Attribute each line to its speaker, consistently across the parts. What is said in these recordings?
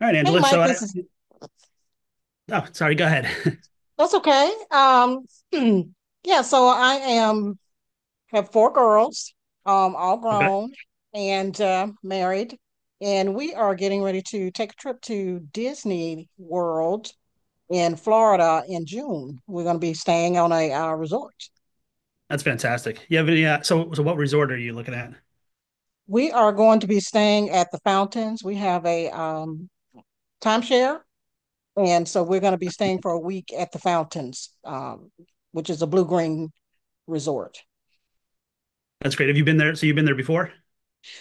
Speaker 1: All right,
Speaker 2: Hey,
Speaker 1: Angela.
Speaker 2: Mike. this is
Speaker 1: Oh, sorry, go ahead.
Speaker 2: that's okay. Yeah, so I am have four girls, all
Speaker 1: Okay.
Speaker 2: grown and married, and we are getting ready to take a trip to Disney World in Florida in June. We're going to be staying on a resort.
Speaker 1: That's fantastic. You have any, so, so what resort are you looking at?
Speaker 2: We are going to be staying at the fountains. We have a timeshare, and so we're going to be staying for a week at the fountains, which is a blue green resort.
Speaker 1: That's great. Have you been there? So you've been there before?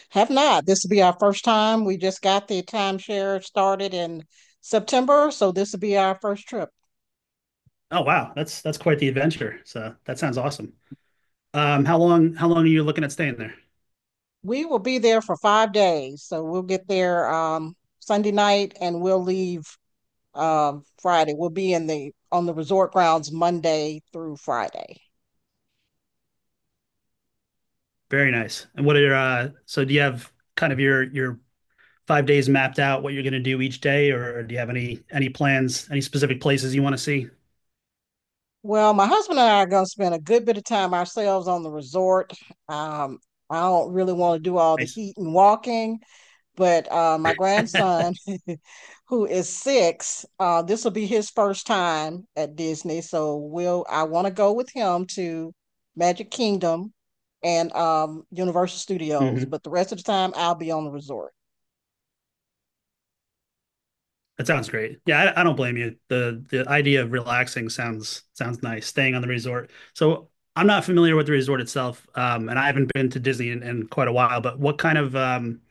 Speaker 2: Have not. This will be our first time. We just got the timeshare started in September, so this will be our first trip.
Speaker 1: Oh, wow. That's quite the adventure. So that sounds awesome. How long are you looking at staying there?
Speaker 2: We will be there for 5 days, so we'll get there Sunday night and we'll leave Friday. We'll be in the on the resort grounds Monday through Friday.
Speaker 1: Very nice. And what are your, so do you have kind of your 5 days mapped out what you're going to do each day, or do you have any plans, any specific places you want to see?
Speaker 2: Well, my husband and I are going to spend a good bit of time ourselves on the resort. Um, I don't really want to do all the
Speaker 1: Nice.
Speaker 2: heat and walking, but my grandson, who is six, this will be his first time at Disney. So we'll I want to go with him to Magic Kingdom and Universal Studios,
Speaker 1: Hmm.
Speaker 2: but the rest of the time I'll be on the resort.
Speaker 1: That sounds great. Yeah, I don't blame you. The idea of relaxing sounds nice. Staying on the resort. So I'm not familiar with the resort itself, and I haven't been to Disney in quite a while. But what kind of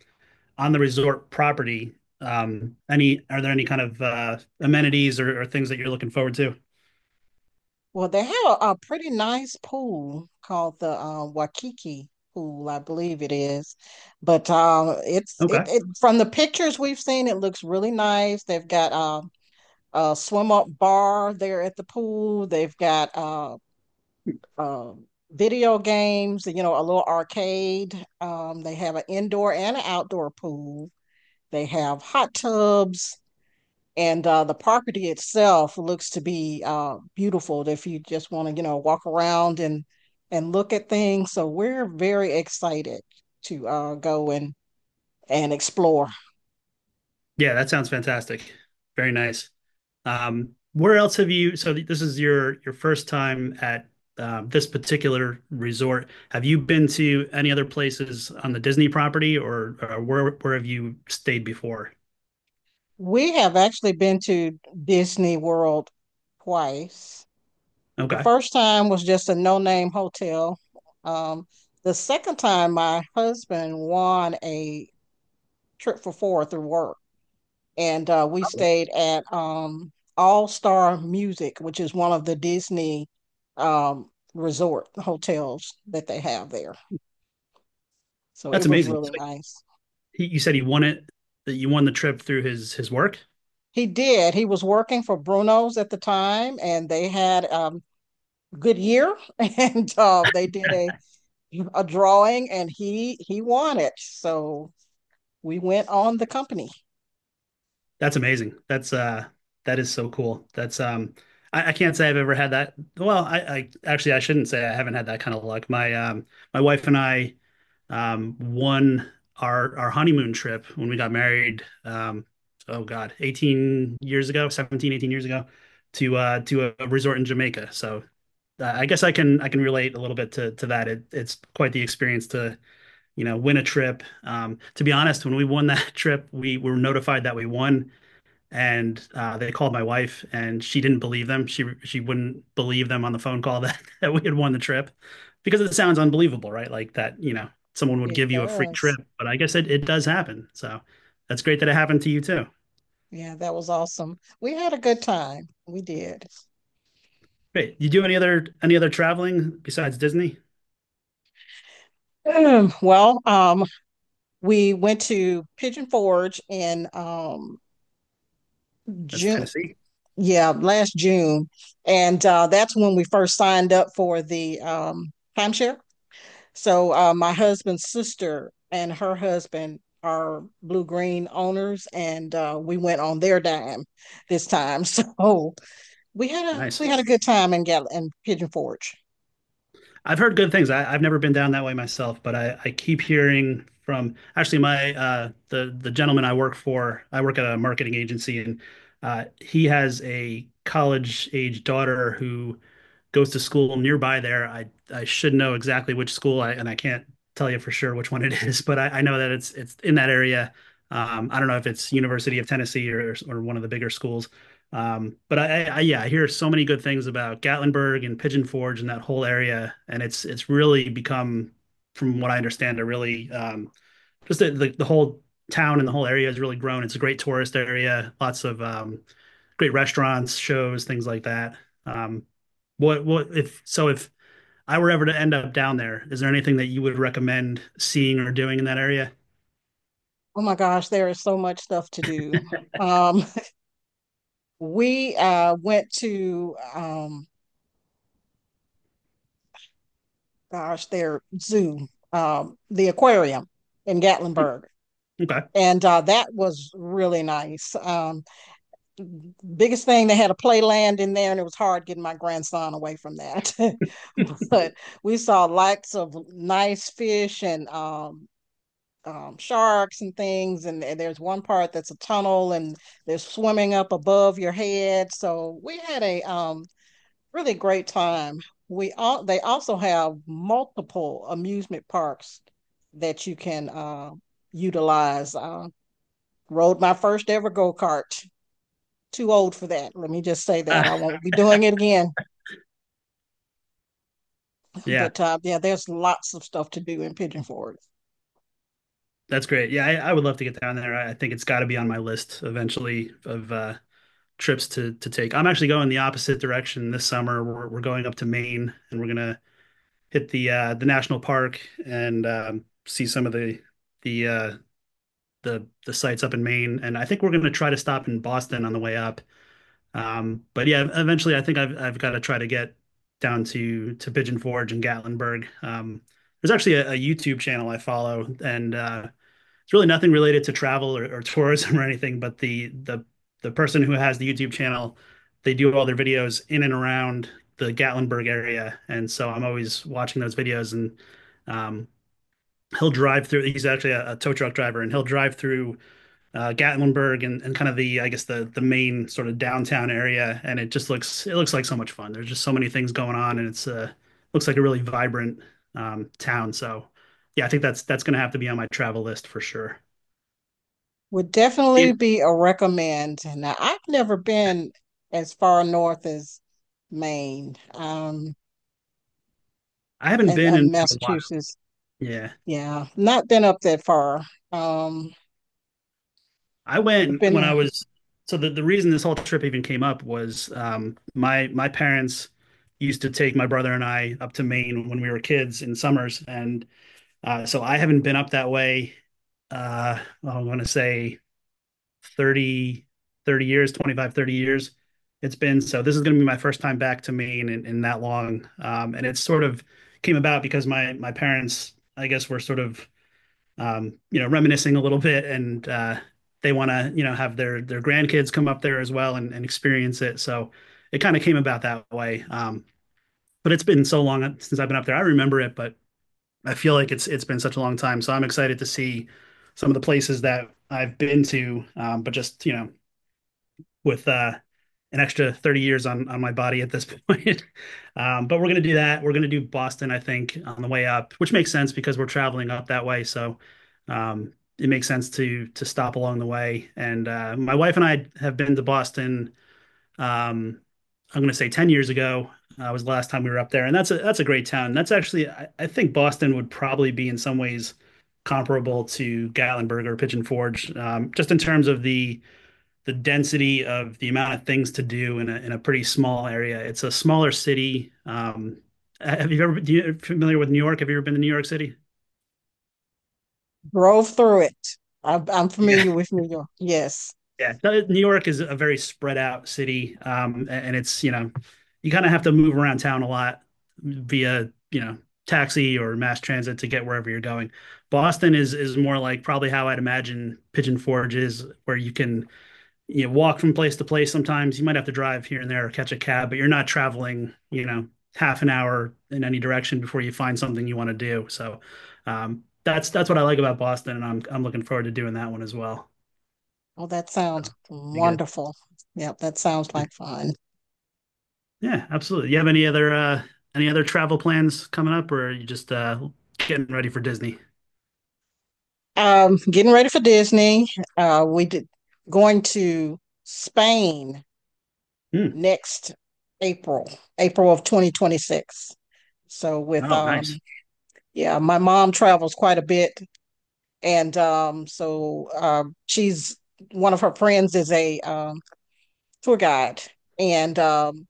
Speaker 1: On the resort property? Any Are there any kind of amenities or things that you're looking forward to?
Speaker 2: Well, they have a pretty nice pool called the Waikiki pool, I believe it is. But
Speaker 1: Okay.
Speaker 2: it from the pictures we've seen, it looks really nice. They've got swim up bar there at the pool. They've got uh, video games, a little arcade. They have an indoor and an outdoor pool. They have hot tubs, and the property itself looks to be beautiful if you just want to walk around and look at things. So we're very excited to go and explore.
Speaker 1: Yeah, that sounds fantastic. Very nice. Where else have you? So this is your first time at this particular resort. Have you been to any other places on the Disney property, or where have you stayed before?
Speaker 2: We have actually been to Disney World twice. The
Speaker 1: Okay.
Speaker 2: first time was just a no-name hotel. Um, the second time, my husband won a trip for four through work, and we stayed at All Star Music, which is one of the Disney um, resort hotels that they have there. So
Speaker 1: That's
Speaker 2: it was
Speaker 1: amazing. So
Speaker 2: really nice.
Speaker 1: he, you said he won it, that you won the trip through his work?
Speaker 2: He did. He was working for Bruno's at the time, and they had good year, and they did a drawing, and he won it. So we went on the company.
Speaker 1: That's amazing. That is so cool. That's I can't say I've ever had that. Well, I actually, I shouldn't say I haven't had that kind of luck. My wife and I, one our honeymoon trip, when we got married, oh god, 18 years ago, 17, 18 years ago, to a resort in Jamaica. So I guess I can relate a little bit to that. It's quite the experience to win a trip. To be honest, when we won that trip, we were notified that we won. And they called my wife, and she didn't believe them. She wouldn't believe them on the phone call. That we had won the trip, because it sounds unbelievable, right? Like, that, someone would
Speaker 2: It
Speaker 1: give you a free trip,
Speaker 2: does.
Speaker 1: but I guess it does happen. So that's great that it happened to you too.
Speaker 2: Yeah, that was awesome. We had a good time. We did.
Speaker 1: Great. You do any other traveling besides Disney?
Speaker 2: Well, we went to Pigeon Forge in
Speaker 1: That's
Speaker 2: June.
Speaker 1: Tennessee.
Speaker 2: Yeah, last June, and that's when we first signed up for the timeshare. So my husband's sister and her husband are blue green owners, and we went on their dime this time. So we had a
Speaker 1: Nice.
Speaker 2: we had a good time in Gal in Pigeon Forge.
Speaker 1: I've heard good things. I've never been down that way myself, but I keep hearing from, actually, my the gentleman I work for. I work at a marketing agency, and he has a college age daughter who goes to school nearby there. I should know exactly which school, and I can't tell you for sure which one it is, but I know that it's in that area. I don't know if it's University of Tennessee or one of the bigger schools. But yeah, I hear so many good things about Gatlinburg and Pigeon Forge and that whole area, and it's really become, from what I understand, a really just the whole town and the whole area has really grown. It's a great tourist area, lots of great restaurants, shows, things like that. Um, what if so if I were ever to end up down there, is there anything that you would recommend seeing or doing in that area?
Speaker 2: Oh my gosh, there is so much stuff to do. Um, we went to gosh, their zoo, the aquarium in Gatlinburg,
Speaker 1: Okay.
Speaker 2: and that was really nice. Biggest thing they had a playland in there and it was hard getting my grandson away from that but we saw lots of nice fish and sharks and things and there's one part that's a tunnel and they're swimming up above your head so we had a really great time we all they also have multiple amusement parks that you can utilize rode my first ever go-kart too old for that. Let me just say that.
Speaker 1: Ah,
Speaker 2: I won't be doing it again.
Speaker 1: yeah,
Speaker 2: But yeah, there's lots of stuff to do in Pigeon Forge.
Speaker 1: that's great. Yeah, I would love to get down there. I think it's got to be on my list eventually of trips to take. I'm actually going the opposite direction this summer. We're going up to Maine, and we're gonna hit the national park and see some of the uh, the sites up in Maine. And I think we're gonna try to stop in Boston on the way up. But yeah, eventually I think I've got to try to get down to Pigeon Forge and Gatlinburg. There's actually a YouTube channel I follow, and it's really nothing related to travel or tourism or anything, but the person who has the YouTube channel, they do all their videos in and around the Gatlinburg area. And so I'm always watching those videos, and um, he'll drive through. He's actually a tow truck driver, and he'll drive through Gatlinburg, and kind of the, I guess, the main sort of downtown area. And it looks like so much fun. There's just so many things going on, and it's looks like a really vibrant town. So yeah, I think that's going to have to be on my travel list for sure.
Speaker 2: Would
Speaker 1: Yeah,
Speaker 2: definitely be a recommend. Now, I've never been as far north as Maine
Speaker 1: I haven't
Speaker 2: and,
Speaker 1: been in,
Speaker 2: and
Speaker 1: in a while.
Speaker 2: Massachusetts.
Speaker 1: Yeah.
Speaker 2: Yeah, not been up that far. Um,
Speaker 1: I went
Speaker 2: been
Speaker 1: when I was So the reason this whole trip even came up was my parents used to take my brother and I up to Maine when we were kids in summers. And so I haven't been up that way. Well, I'm going to say 30 30 years, 25 to 30 years it's been. So this is going to be my first time back to Maine in that long. And it sort of came about because my parents, I guess, were sort of reminiscing a little bit. And they want to, have their grandkids come up there as well, and experience it. So it kind of came about that way. But it's been so long since I've been up there. I remember it, but I feel like it's been such a long time. So I'm excited to see some of the places that I've been to, but just with an extra 30 years on my body at this point. But we're gonna do that. We're gonna do Boston, I think, on the way up, which makes sense because we're traveling up that way. So um, it makes sense to stop along the way. And my wife and I have been to Boston. Um, I'm gonna say 10 years ago was the last time we were up there, and that's a great town. That's actually I think Boston would probably be in some ways comparable to Gatlinburg or Pigeon Forge, just in terms of the density of the amount of things to do in a pretty small area. It's a smaller city. Have you ever been You familiar with New York? Have you ever been to New York City?
Speaker 2: drove through it. I'm
Speaker 1: Yeah,
Speaker 2: familiar with New York. Yes.
Speaker 1: yeah. New York is a very spread out city, and it's you kind of have to move around town a lot via taxi or mass transit to get wherever you're going. Boston is more like probably how I'd imagine Pigeon Forge is, where you walk from place to place. Sometimes you might have to drive here and there or catch a cab, but you're not traveling half an hour in any direction before you find something you want to do. So that's what I like about Boston, and I'm looking forward to doing that one as well.
Speaker 2: Oh, that sounds
Speaker 1: Be good.
Speaker 2: wonderful. Yep, that sounds like fun.
Speaker 1: Yeah, absolutely. You have any other travel plans coming up, or are you just getting ready for Disney?
Speaker 2: Getting ready for Disney. We did going to Spain
Speaker 1: Hmm.
Speaker 2: next April, April of 2026. So with
Speaker 1: Oh, nice.
Speaker 2: yeah, my mom travels quite a bit, and so she's one of her friends is a tour guide, and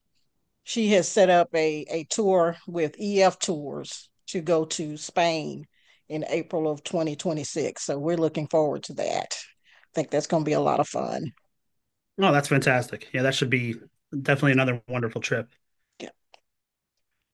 Speaker 2: she has set up a tour with EF Tours to go to Spain in April of 2026. So we're looking forward to that. I think that's going to be a lot of fun.
Speaker 1: Oh, that's fantastic. Yeah, that should be definitely another wonderful trip.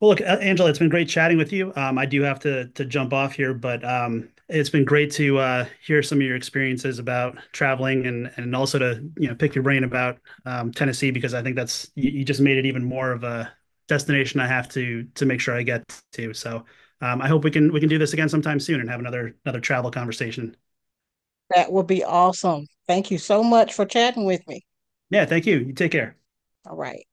Speaker 1: Well, look, Angela, it's been great chatting with you. I do have to jump off here, but it's been great to hear some of your experiences about traveling, and also to pick your brain about Tennessee, because I think that's you just made it even more of a destination I have to make sure I get to. So I hope we can do this again sometime soon, and have another travel conversation.
Speaker 2: That would be awesome. Thank you so much for chatting with me.
Speaker 1: Yeah, thank you. You take care.
Speaker 2: All right.